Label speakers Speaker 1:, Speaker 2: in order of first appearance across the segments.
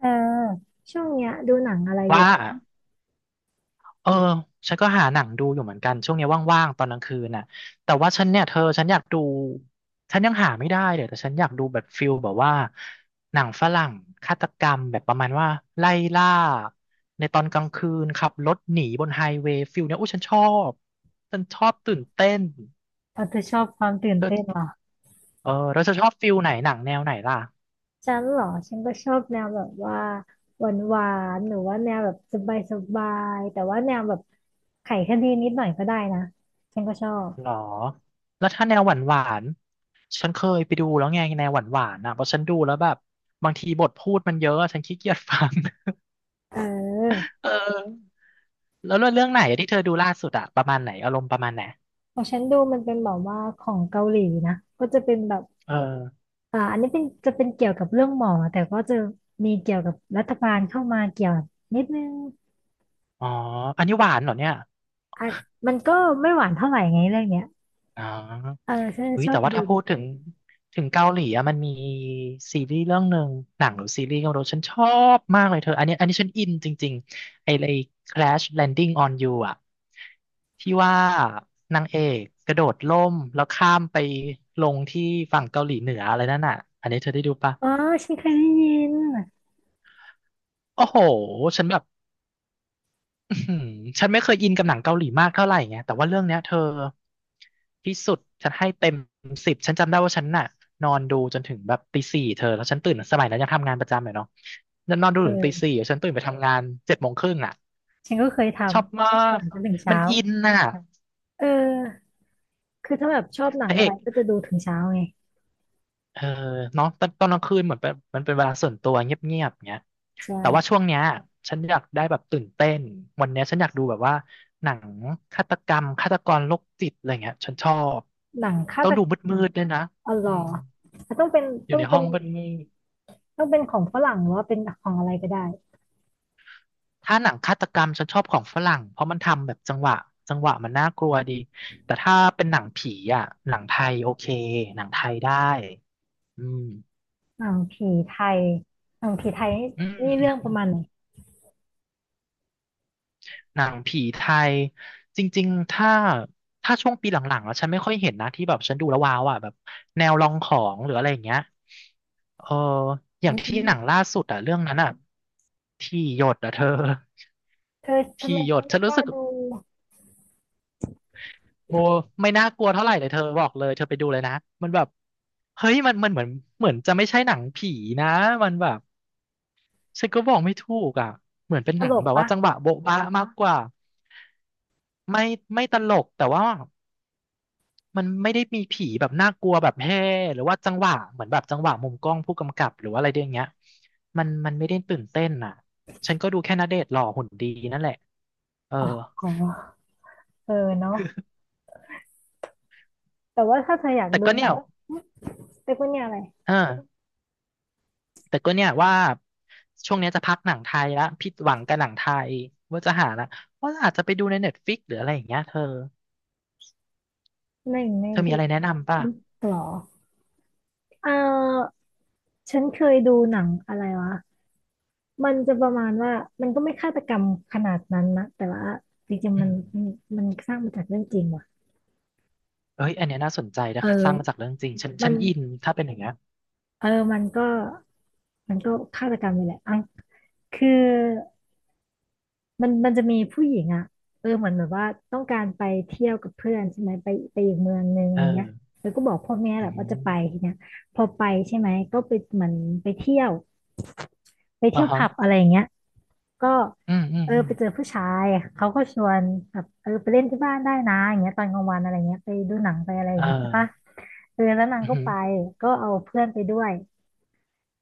Speaker 1: เออช่วงเนี้ยดูหนังอะไรอ
Speaker 2: ว่า
Speaker 1: ยู่
Speaker 2: เออฉันก็หาหนังดูอยู่เหมือนกันช่วงนี้ว่างๆตอนกลางคืนน่ะแต่ว่าฉันเนี่ยเธอฉันอยากดูฉันยังหาไม่ได้เลยแต่ฉันอยากดูแบบฟิลแบบว่าหนังฝรั่งฆาตกรรมแบบประมาณว่าไล่ล่าในตอนกลางคืนขับรถหนีบนไฮเวย์ฟิลเนี้ยโอ้บฉันชอบตื่นเต้น
Speaker 1: เออเธอชอบความตื่น
Speaker 2: เธอ
Speaker 1: เต้นเหรอ
Speaker 2: เออแล้วเธอชอบฟิลไหนหนังแนวไหนล่ะ
Speaker 1: ฉันเหรอฉันก็ชอบแนวแบบว่าหวานหวานหรือว่าแนวแบบสบายสบายแต่ว่าแนวแบบไขคดีนิดหน่อยก็ได้นะฉันก็ชอบ
Speaker 2: หรอ แล้วถ้าแนวหวานหวานฉันเคยไปดูแล้วไงแนวหวานหวานอ่ะเพราะฉันดูแล้วแบบบางทีบทพูดมันเยอะอะฉันขี้เกียจฟัง
Speaker 1: เออ
Speaker 2: เออแล้วเรื่องไหนอะที่เธอดูล่าสุดอะประมาณไหน อารมณ์ประมาณไหน
Speaker 1: ของฉันดูมันเป็นแบบว่าของเกาหลีนะก็จะเป็นแบบ
Speaker 2: เออ
Speaker 1: อันนี้เป็นจะเป็นเกี่ยวกับเรื่องหมอแต่ก็จะมีเกี่ยวกับรัฐบาลเข้ามาเกี่ยวนิดนึง
Speaker 2: อ๋อ อันนี้หวานเหรอเนี่ย
Speaker 1: อ่ะมันก็ไม่หวานเท่าไหร่ไงเรื่องเนี้ย
Speaker 2: อ๋อ
Speaker 1: เออฉัน
Speaker 2: อุ้
Speaker 1: ช
Speaker 2: ย
Speaker 1: อ
Speaker 2: แต่
Speaker 1: บ
Speaker 2: ว่า
Speaker 1: ดู
Speaker 2: ถ้าพูดถึงเกาหลีอะมันมีซีรีส์เรื่องหนึ่งหนังหรือซีรีส์ก็ไม่รู้ฉันชอบมากเลยเธออันนี้ฉันอินจริงๆไอ้ Crash Landing on You อะที่ว่านางเอกกระโดดร่มแล้วข้ามไปลงที่ฝั่งเกาหลีเหนืออะไรนั่นน่ะอันนี้เธอได้ดูปะ
Speaker 1: อ๋อฉันเคยได้ยิน
Speaker 2: โอ้โห ฉันแบบ อื้อหือฉันไม่เคยอินกับหนังเกาหลีมากเท่าไหร่ไงแต่ว่าเรื่องเนี้ยเธอที่สุดฉันให้เต็มสิบ ฉันจำได้ว่าฉันน่ะนอนดูจนถึงแบบตีสี่เธอ แล้วฉันตื่นสมัยนั้นยังทำงานประจำอยู่เนาะฉันนอนดูถึงตีสี่
Speaker 1: เออ
Speaker 2: ฉันตื่นไปทำงานเจ็ดโมงครึ่งอ่ะ
Speaker 1: ฉันก็เคยท
Speaker 2: ชอบมา
Speaker 1: ำห
Speaker 2: ก
Speaker 1: นังจนถึง
Speaker 2: มั
Speaker 1: เช้า
Speaker 2: นอินน่ะ
Speaker 1: เออคือถ้าแบบชอบหนั
Speaker 2: พ
Speaker 1: ง
Speaker 2: ระเอ
Speaker 1: อะไร
Speaker 2: ก
Speaker 1: ก็จะดูถึงเช้าไง
Speaker 2: เออเนาะตอนกลางคืนเหมือนเป็นมันเป็นเวลาส่วนตัวเงียบๆเงี้ย แต่ว่า
Speaker 1: ใช่
Speaker 2: ช่วงเนี้ยฉันอยากได้แบบตื่นเต้นวันเนี้ยฉันอยากดูแบบว่าหนังฆาตกรรมฆาตกรโรคจิตอะไรเงี้ยฉันชอบ
Speaker 1: หนังฆา
Speaker 2: ต้อง
Speaker 1: ต
Speaker 2: ดู
Speaker 1: กรรม
Speaker 2: มืดๆด้วยนะ
Speaker 1: อ๋อเหร
Speaker 2: อื
Speaker 1: อ
Speaker 2: ม
Speaker 1: ต้องเป็น
Speaker 2: อยู่
Speaker 1: ต้อ
Speaker 2: ใน
Speaker 1: ง
Speaker 2: ห้
Speaker 1: เป็
Speaker 2: อ
Speaker 1: น
Speaker 2: งมืด
Speaker 1: ต้องเป็นของฝรั่งหรือว่าเป็นของอะไรก็ได้
Speaker 2: ๆถ้าหนังฆาตกรรมฉันชอบของฝรั่งเพราะมันทำแบบจังหวะมันน่ากลัวดีแต่ถ้าเป็นหนังผีอ่ะหนังไทยโอเคหนังไทยได้อืม
Speaker 1: หนังผีไทยหนังผีไทย
Speaker 2: อื
Speaker 1: นี่เรื่อง
Speaker 2: ม
Speaker 1: ประมาณไหน
Speaker 2: หนังผีไทยจริงๆ ถ้าช่วงปีหลังๆแล้วฉันไม่ค่อยเห็นนะที่แบบฉันดูแล้วว้าวอ่ะแบบแนวลองของหรืออะไรอย่างเงี้ยเอออ
Speaker 1: อื
Speaker 2: ย่างที่
Speaker 1: ม
Speaker 2: หนังล่าสุดอ่ะเรื่องนั้นอ่ะที่หยดอ่ะเธอ
Speaker 1: เธอ ทำ
Speaker 2: ที่
Speaker 1: ไม
Speaker 2: หย
Speaker 1: ฉัน
Speaker 2: ดฉั
Speaker 1: ไม่
Speaker 2: น
Speaker 1: ก
Speaker 2: รู้
Speaker 1: ล้า
Speaker 2: สึก
Speaker 1: ดู
Speaker 2: โมไม่น่ากลัวเท่าไหร่เลยเธอบอกเลยเธอไปดูเลยนะมันแบบเฮ้ยมันเหมือนเหมือนจะไม่ใช่หนังผีนะมันแบบฉันก็บอกไม่ถูกอ่ะเหมือนเป็น
Speaker 1: ต
Speaker 2: หนั
Speaker 1: ล
Speaker 2: ง
Speaker 1: ก
Speaker 2: แบบ
Speaker 1: ปะ
Speaker 2: ว่าจังหวะโบ๊ะหรบ๊ะมากกว่าไม่ไม่ตลกแต่ว่า มันไม่ได้มีผีแบบน่ากลัวแบบแฮ่หรือว่าจังหวะเหมือนแบบจังหวะมุมกล้องผู้กำกับหรือว่าอะไรอย่างเงี้ยมันไม่ได้ตื่นเต้นอ่ะฉันก็ดูแค่ณเดชน์หล่อหุ่นดีนั่นแหละเออ
Speaker 1: อ๋อเออเนาะแต่ว่าถ้าเธออยาก
Speaker 2: แต่
Speaker 1: ดู
Speaker 2: ก็
Speaker 1: ห
Speaker 2: เนี่
Speaker 1: นั
Speaker 2: ย
Speaker 1: ง เรียกว่าเนี่ยอะไร
Speaker 2: เออแต่ก็เนี่ยว่าช่วงเนี้ยจะพักหนังไทยละผิดหวังกับหนังไทยว่าจะหาละว่าอาจจะไปดูในเน็ตฟิกหรืออะไรอย่างเงี้ยเธอ
Speaker 1: หนึ่งใน
Speaker 2: เธอมี
Speaker 1: เด็
Speaker 2: อะ
Speaker 1: ก
Speaker 2: ไรแนะนำป่ะ
Speaker 1: หรอเออ ฉันเคยดูหนังอะไรวะ มันจะประมาณว่า มันก็ไม่ฆาตกรรมขนาดนั้นนะแต่ว่าจริง
Speaker 2: อื
Speaker 1: ๆมัน
Speaker 2: ม
Speaker 1: มันสร้างมาจากเรื่องจริงว่ะ
Speaker 2: เอ้ยอันเนี้ยน่าสนใจ
Speaker 1: เอ
Speaker 2: นะสร้างมาจาก
Speaker 1: อ
Speaker 2: เรื่องจริงฉัน
Speaker 1: มั
Speaker 2: ฉั
Speaker 1: น
Speaker 2: นอินถ้าเป็นอย่างเงี้ย
Speaker 1: เออมันก็ฆาตกรรมนี่แหละอ่ะคือมันจะมีผู้หญิงอ่ะเออเหมือนแบบว่าต้องการไปเที่ยวกับเพื่อนใช่ไหมไปอีกเมืองหนึงอ
Speaker 2: เอ
Speaker 1: ย่างเงี้ย
Speaker 2: อ
Speaker 1: แล้วก็บอกพ่อแม่แห
Speaker 2: อื
Speaker 1: ละว่า
Speaker 2: ม
Speaker 1: จะไปทีเนี้ยพอไปใช่ไหมก็ไปเหมือนไปเที่ยวไป
Speaker 2: อ่า
Speaker 1: เที่ยว
Speaker 2: ฮะ
Speaker 1: ผับอะไรอย่างเงี้ย ก็
Speaker 2: อืมอืม
Speaker 1: เออ
Speaker 2: อืม
Speaker 1: ไปเจอผู้ชายเขาก็ชวนแบบเออไปเล่นที่บ้านได้นะอย่างเงี้ยตอนกลางวันอะไรเงี้ยไปดูหนังไปอะไรอ
Speaker 2: เอ
Speaker 1: ย่างเงี้ยใช่ปะ
Speaker 2: อ
Speaker 1: เออแล้วนาง
Speaker 2: อือ
Speaker 1: ก็
Speaker 2: หือ
Speaker 1: ไปก็เอาเพื่อนไปด้วย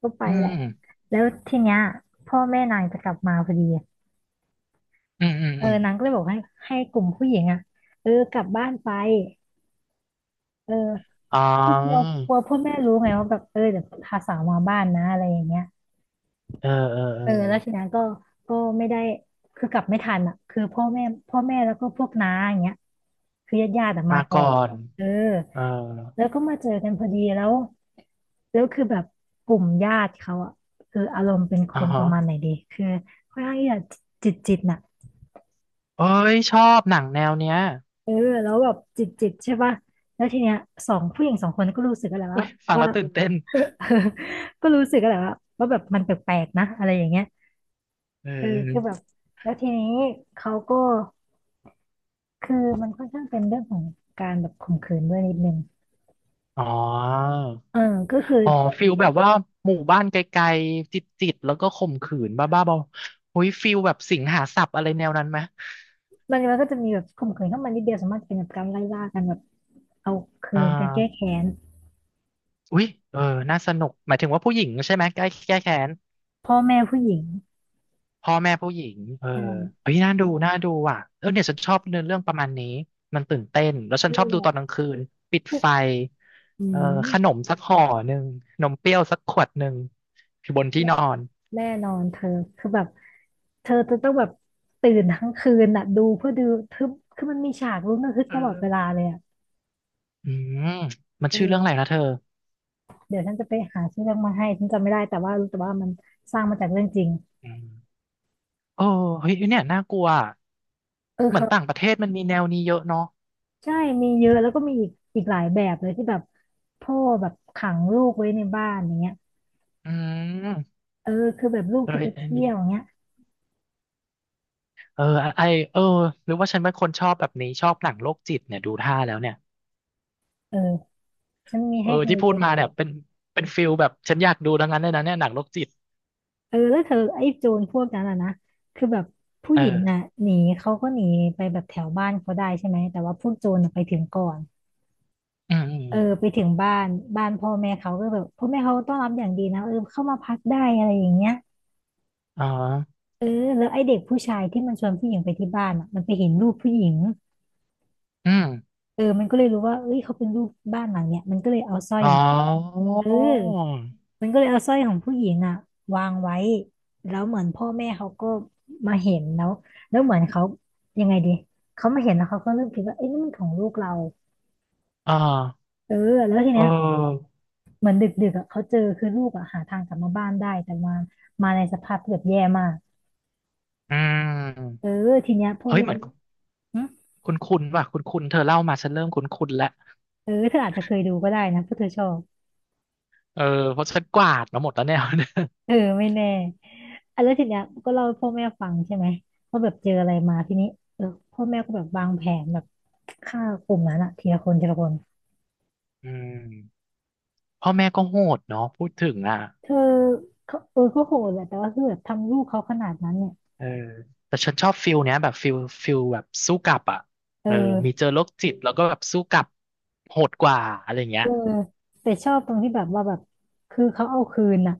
Speaker 1: ก็ไป
Speaker 2: อื
Speaker 1: แหละ
Speaker 2: ม
Speaker 1: แล้วทีเนี้ยพ่อแม่นางจะกลับมาพอดี
Speaker 2: อืมอืม
Speaker 1: เออ
Speaker 2: อืม
Speaker 1: นางก็เลยบอกให้กลุ่มผู้หญิงอ่ะเออกลับบ้านไปเออ
Speaker 2: อ๋อ
Speaker 1: คือกลัวกลัวพ่อแม่รู้ไงว่าแบบเออเดี๋ยวพาสาวมาบ้านนะอะไรอย่างเงี้ย
Speaker 2: เออเออเอ
Speaker 1: เอ
Speaker 2: อ
Speaker 1: อแล้วทีนั้นก็ก็ไม่ได้คือกลับไม่ทันอ่ะคือพ่อแม่พ่อแม่แล้วก็พวกน้าอย่างเงี้ยคือญาติญาติอะมา
Speaker 2: มา
Speaker 1: ก่อ
Speaker 2: ก่อ
Speaker 1: น
Speaker 2: น
Speaker 1: เออ
Speaker 2: เออ
Speaker 1: แล้วก็มาเจอกันพอดีแล้วแล้วคือแบบกลุ่มญาติเขาอ่ะคืออารมณ์เป็นค
Speaker 2: อ๋อ
Speaker 1: นป
Speaker 2: ฮะ
Speaker 1: ระมาณไหนดีคือค่อนข้างที่จะจิตจิตน่ะ
Speaker 2: เอ้ยชอบหนังแนวเนี้ย
Speaker 1: เออแล้วแบบจิตจิตใช่ป่ะแล้วทีเนี้ยสองผู้หญิงสองคนก็รู้สึกกันแหละ
Speaker 2: เว้
Speaker 1: ว่า
Speaker 2: ย ฟัง
Speaker 1: ว่า
Speaker 2: แล้วตื่นเต้น
Speaker 1: ก็รู้สึกกันแหละว่าแบบมันแปลกๆนะอะไรอย่างเงี้ย
Speaker 2: เออ
Speaker 1: เอ
Speaker 2: เอ
Speaker 1: อคือแบบ
Speaker 2: อ
Speaker 1: แล้วทีนี้เขาก็คือมันค่อนข้างเป็นเรื่องของการแบบข่มขืนด้วยนิดนึง
Speaker 2: อ๋อ
Speaker 1: เออก็คือ
Speaker 2: อ๋อ ฟิลแบบว่าหมู่บ้านไกลๆ จิตๆ แล้วก็ข่มขืนบ้าๆบอๆอุ้ยฟิลแบบสิงหาสับอะไรแนวนั้นไหม
Speaker 1: มันมันก็จะมีแบบข่มขืนเข้ามานิดเดียวสามารถเป็นแบบการไล่ล่ากันแบบเอาคื
Speaker 2: อ่
Speaker 1: นการแก้
Speaker 2: า
Speaker 1: แค้น
Speaker 2: อุ้ยเออน่าสนุกหมายถึงว่าผู้หญิงใช่ไหมแก้แค้น
Speaker 1: พ่อแม่ผู้หญิง
Speaker 2: พ่อแม่ผู้หญิงเออ
Speaker 1: ใช่
Speaker 2: เฮ้ยน่าดูน่าดูอ่ะเออเนี่ยฉันชอบเนื้อเรื่องประมาณนี้มันตื่นเต้นแล้วฉัน
Speaker 1: นั่
Speaker 2: ช
Speaker 1: น
Speaker 2: อบ
Speaker 1: แห
Speaker 2: ดู
Speaker 1: ละ
Speaker 2: ตอนกลางคืนปิดไฟ
Speaker 1: อื
Speaker 2: เออขนม
Speaker 1: ม
Speaker 2: สักห่อหนึ่งนมเปรี้ยวสักขวดหนึ่งอยู่บนที่
Speaker 1: แน่
Speaker 2: นอน
Speaker 1: แน่นอนเธอคือแบบเธอจะต้องแบบตื่นทั้งคืนน่ะดูเพื่อดูคือคือมันมีฉากลุ้นระทึก
Speaker 2: เอ
Speaker 1: ตลอดเวลา
Speaker 2: อ
Speaker 1: เลยอ่ะ
Speaker 2: อืมมันชื่อเรื่องอะไร
Speaker 1: เออ
Speaker 2: นะเธอ
Speaker 1: เดี๋ยวฉันจะไปหาชื่อเรื่องมาให้ฉันจำไม่ได้แต่ว่ารู้แต่ว่ามันสร้างมาจากเรื่องจริง
Speaker 2: อืมโอ้เฮ้ยเนี่ยน่ากลัวอะ
Speaker 1: เออ
Speaker 2: เหมือน
Speaker 1: เขา
Speaker 2: ต่างประเทศมันมีแนวนี้เยอะเนาะ
Speaker 1: ใช่มีเยอะแล้วก็มีอีกหลายแบบเลยที่แบบพ่อแบบขังลูกไว้ในบ้านอย่างเงี้ย
Speaker 2: อืม
Speaker 1: เออคือแบบลูก
Speaker 2: เออ
Speaker 1: จะไป
Speaker 2: อัน
Speaker 1: เที่
Speaker 2: นี้
Speaker 1: ยวอย่างเงี้ย
Speaker 2: เออไอเออหรือว่าฉันเป็นคนชอบแบบนี้ชอบหนังโรคจิตเนี่ยดูท่าแล้วเนี่ย
Speaker 1: เออฉันมี
Speaker 2: เออ
Speaker 1: ให้เธอ
Speaker 2: ที่พู
Speaker 1: เย
Speaker 2: ด
Speaker 1: อะ
Speaker 2: มาเนี่ยเป็นฟิลแบบฉันอยากดูทั้งนั้นเลยนะเนี่ยหนังโรคจิต
Speaker 1: เออแล้วเธอไอ้โจรพวกนั้นอ่ะนะคือแบบผู้หญิงน่ะ
Speaker 2: เออ
Speaker 1: หนีเขาก็หนีไปแบบแถวบ้านเขาได้ใช่ไหมแต่ว่าพวกโจรน่ะไปถึงก่อน
Speaker 2: อืม
Speaker 1: เออไปถึงบ้านบ้านพ่อแม่เขาก็แบบพ่อแม่เขาต้อนรับอย่างดีนะเออเข้ามาพักได้อะไรอย่างเงี้ย
Speaker 2: อมอ๋อ
Speaker 1: เออแล้วไอเด็กผู้ชายที่มันชวนผู้หญิงไปที่บ้านอ่ะมันไปเห็นรูปผู้หญิง
Speaker 2: อืม
Speaker 1: เออมันก็เลยรู้ว่าเอ้ยเขาเป็นลูกบ้านหลังเนี้ยมันก็เลยเอาสร้อย
Speaker 2: อ๋อ
Speaker 1: ของเออมันก็เลยเอาสร้อยของผู้หญิงอ่ะวางไว้แล้วเหมือนพ่อแม่เขาก็มาเห็นแล้วแล้วเหมือนเขายังไงดีเขามาเห็นแล้วเขาก็เริ่มคิดว่าเอ้ยนี่มันของลูกเรา
Speaker 2: อ่า
Speaker 1: เออแล้วที
Speaker 2: เ
Speaker 1: เนี้ย
Speaker 2: ออ
Speaker 1: เหมือนดึกๆอะเขาเจอคือลูกอ่ะหาทางกลับมาบ้านได้แต่มามาในสภาพที่แบบแย่มาก
Speaker 2: อืม
Speaker 1: เออทีเนี้ยพ่อ
Speaker 2: เฮ้ย
Speaker 1: แม่
Speaker 2: เหมือน
Speaker 1: หึ
Speaker 2: คุณว่ะคุณเธอเล่ามาฉันเริ่มคุณแล้ว
Speaker 1: เออเธออาจจะเคยดูก็ได้นะเพราะเธอชอบ
Speaker 2: เออเพราะฉันกวาดมาหมดแล้วเนี่ย
Speaker 1: เออไม่แน่อ่ะแล้วทีเนี้ยก็เล่าให้พ่อแม่ฟังใช่ไหมว่าแบบเจออะไรมาทีนี้เออพ่อแม่ก็แบบวางแผนแบบฆ่ากลุ่มนั้นอะทีละคนทีละคน
Speaker 2: อืมพ่อแม่ก็โหดเนาะพูดถึงอ่ะ
Speaker 1: เธอเขาเออก็โหดแหละแต่ว่าคือแบบทำลูกเขาขนาดนั้นเนี่ย
Speaker 2: เออแต่ฉันชอบฟิลเนี้ยแบบฟิลแบบสู้กลับอ่ะ
Speaker 1: เอ
Speaker 2: เออมี
Speaker 1: อ
Speaker 2: เจอโรคจิตแล้วก็แบบสู้กลับโหดกว่าอะไรเงี้
Speaker 1: เอ
Speaker 2: ย
Speaker 1: อแต่ชอบตรงที่แบบว่าแบบคือเขาเอาคืนน่ะ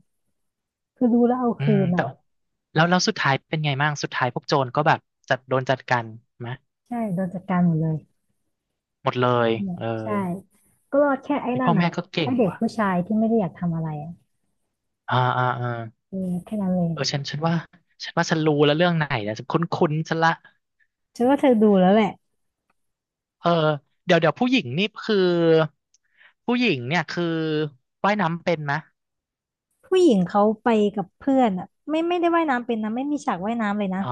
Speaker 1: คือรู้แล้วเอา
Speaker 2: อื
Speaker 1: คื
Speaker 2: ม
Speaker 1: นน่ะ
Speaker 2: แต่แล้วสุดท้ายเป็นไงบ้างสุดท้ายพวกโจรก็แบบจัดโดนจัดการไหม
Speaker 1: ใช่โดนจัดการหมดเลย
Speaker 2: หมดเลย
Speaker 1: เนี่ย
Speaker 2: เออ
Speaker 1: ใช่ก็รอดแค่ไอ้
Speaker 2: ไอ
Speaker 1: นั่
Speaker 2: พ่
Speaker 1: น
Speaker 2: อ
Speaker 1: อ่ะ
Speaker 2: แม่ก็เก่
Speaker 1: ไอ้
Speaker 2: ง
Speaker 1: เด็ก
Speaker 2: ว่ะ
Speaker 1: ผู้ชายที่ไม่ได้อยากทำอะไรอ่ะ
Speaker 2: อ่าอ่าอ่า
Speaker 1: เออแค่นั้นเลย
Speaker 2: เออฉันว่าฉันรู้แล้วเรื่องไหนนะฉันคุ้นๆฉันละ
Speaker 1: ฉันว่าเธอดูแล้วแหละ
Speaker 2: เออเดี๋ยวผู้หญิงนี่คือผู้หญิงเนี่ยคือว่ายน้ำเป็นไหม
Speaker 1: ผู้หญิงเขาไปกับเพื่อนอ่ะไม่ได้ว่ายน้ำเป็นนะไม่มีฉากว่ายน้ำเลยนะ
Speaker 2: อ๋อ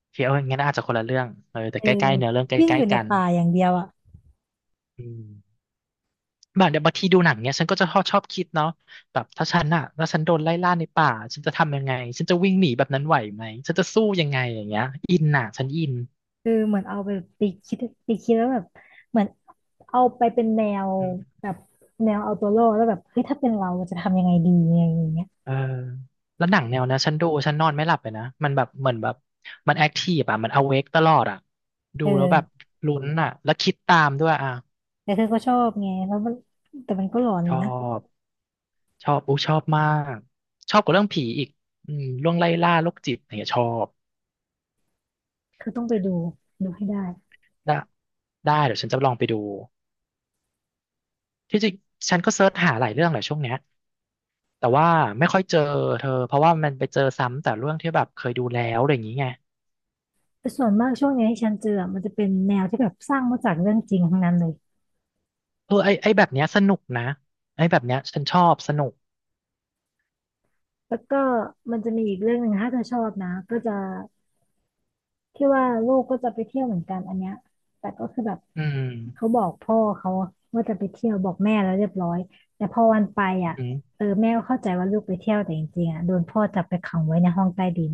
Speaker 2: โอเคเอองั้นอาจจะคนละเรื่องเออแต่
Speaker 1: เออ
Speaker 2: ใกล้ๆเนื้อเรื่องใก
Speaker 1: วิ่งอ
Speaker 2: ล้
Speaker 1: ยู่
Speaker 2: ๆ
Speaker 1: ใน
Speaker 2: กัน
Speaker 1: ป่าอย่างเดียวอ่ะ
Speaker 2: อืม แบบเดี๋ยวบางทีดูหนังเนี่ยฉันก็จะชอบคิดเนาะแบบถ้าฉันอะถ้าฉันโดนไล่ล่าในป่าฉันจะทำยังไงฉันจะวิ่งหนีแบบนั้นไหวไหมฉันจะสู้ยังไงอย่างเงี้ยอินอะฉันอิน
Speaker 1: เออเหมือนเอาไปไปคิดไปคิดแล้วแบบเหมือนเอาไปเป็นแนว
Speaker 2: อืม
Speaker 1: แบบแนวเอาตัวรอดแล้วแบบเฮ้ยถ้าเป็นเราจะทำยังไงดีอะไรอย่างเงี้ย
Speaker 2: เออแล้วหนังแนวนะฉันดูฉันนอนไม่หลับเลยนะมันแบบเหมือนแบบมันแอคทีฟอะมันอเวกตลอดอะ
Speaker 1: เ
Speaker 2: ดูแล้วแบบ
Speaker 1: ออ
Speaker 2: ลุ้นอะแล้วคิดตามด้วยอะ
Speaker 1: แต่เธอก็ชอบไงแล้วมันแต่มันก็หลอนอ
Speaker 2: ช
Speaker 1: ยู่
Speaker 2: อ
Speaker 1: นะ
Speaker 2: บชอบอู้ชอบมากชอบกว่าเรื่องผีอีกอืมเรื่องไล่ล่าโรคจิตอะไรเงี้ยชอบ
Speaker 1: คือต้องไปดูดูให้ได้
Speaker 2: ได้ได้เดี๋ยวฉันจะลองไปดู ที่จริงฉันก็เซิร์ชหาหลายเรื่องแหละช่วงเนี้ยแต่ว่าไม่ค่อยเจอเธอเพราะว่ามันไปเจอซ้ำแต่เรื่องที่แบบเคยดูแล้วอะไรอย่างงี้ไง
Speaker 1: แต่ส่วนมากช่วงนี้ที่ฉันเจออะมันจะเป็นแนวที่แบบสร้างมาจากเรื่องจริงทั้งนั้นเลย
Speaker 2: เออไอแบบเนี้ยสนุกนะไอแบบเนี้ยฉันชอบสนุก
Speaker 1: แล้วก็มันจะมีอีกเรื่องหนึ่งถ้าเธอชอบนะก็จะ ที่ว่าลูกก็จะไปเที่ยวเหมือนกันอันเนี้ยแต่ก็คือแบบ
Speaker 2: อืม
Speaker 1: เขาบอกพ่อเขาว่าจะไปเที่ยวบอกแม่แล้วเรียบร้อยแต่พอวันไป
Speaker 2: อื
Speaker 1: อ่ะ
Speaker 2: ม
Speaker 1: เออแม่ก็เข้าใจว่าลูกไปเที่ยวแต่จริงๆอ่ะโดนพ่อจับไปขังไว้ในห้องใต้ดิน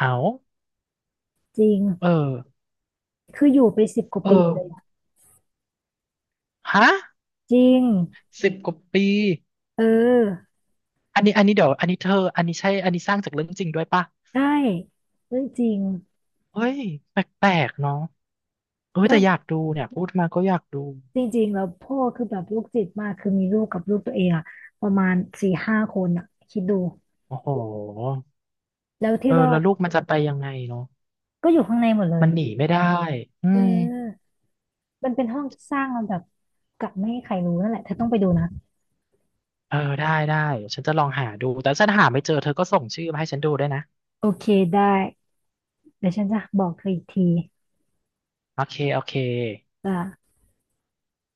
Speaker 2: เอา
Speaker 1: จริง
Speaker 2: เออ
Speaker 1: คืออยู่ไปสิบกว่า
Speaker 2: เออ
Speaker 1: ปีเลยอะ
Speaker 2: ฮะ
Speaker 1: จริง
Speaker 2: สิบกว่าปี
Speaker 1: เออ
Speaker 2: อันนี้เดี๋ยวอันนี้เธออันนี้ใช่อันนี้สร้างจากเรื่องจริงด้วยปะ
Speaker 1: ได้เรื่องจริง
Speaker 2: เฮ้ยแปลกๆเนาะเออ
Speaker 1: แล้
Speaker 2: แต่
Speaker 1: ว
Speaker 2: อยากดูเนี่ยพูดมาก็อยากดู
Speaker 1: จริงๆแล้วพ่อคือแบบลูกจิตมากคือมีลูกกับลูกตัวเองอ่ะประมาณสี่ห้าคนอ่ะคิดดู
Speaker 2: โอ้โห
Speaker 1: แล้ว
Speaker 2: เอ
Speaker 1: ที่
Speaker 2: อ
Speaker 1: รอ
Speaker 2: แล้ว
Speaker 1: ด
Speaker 2: ลูกมันจะไปยังไงเนาะ
Speaker 1: ก็อยู่ข้างในหมดเลย
Speaker 2: มันหนีไม่ได้อื
Speaker 1: เอ
Speaker 2: ม
Speaker 1: อ มันเป็นห้องที่สร้างลำดับกลับไม่ให้ใครรู้นั่นแหละเธอต้องไปดูนะ
Speaker 2: เออได้ได้ฉันจะลองหาดูแต่ฉันหาไม่เจอเธอก็ส่งชื่อมาให้ฉันดูได้วยนะ
Speaker 1: โอเคได้เดี๋ยวฉันจะบอกเธออีกที
Speaker 2: โอเคโอเค
Speaker 1: อ่า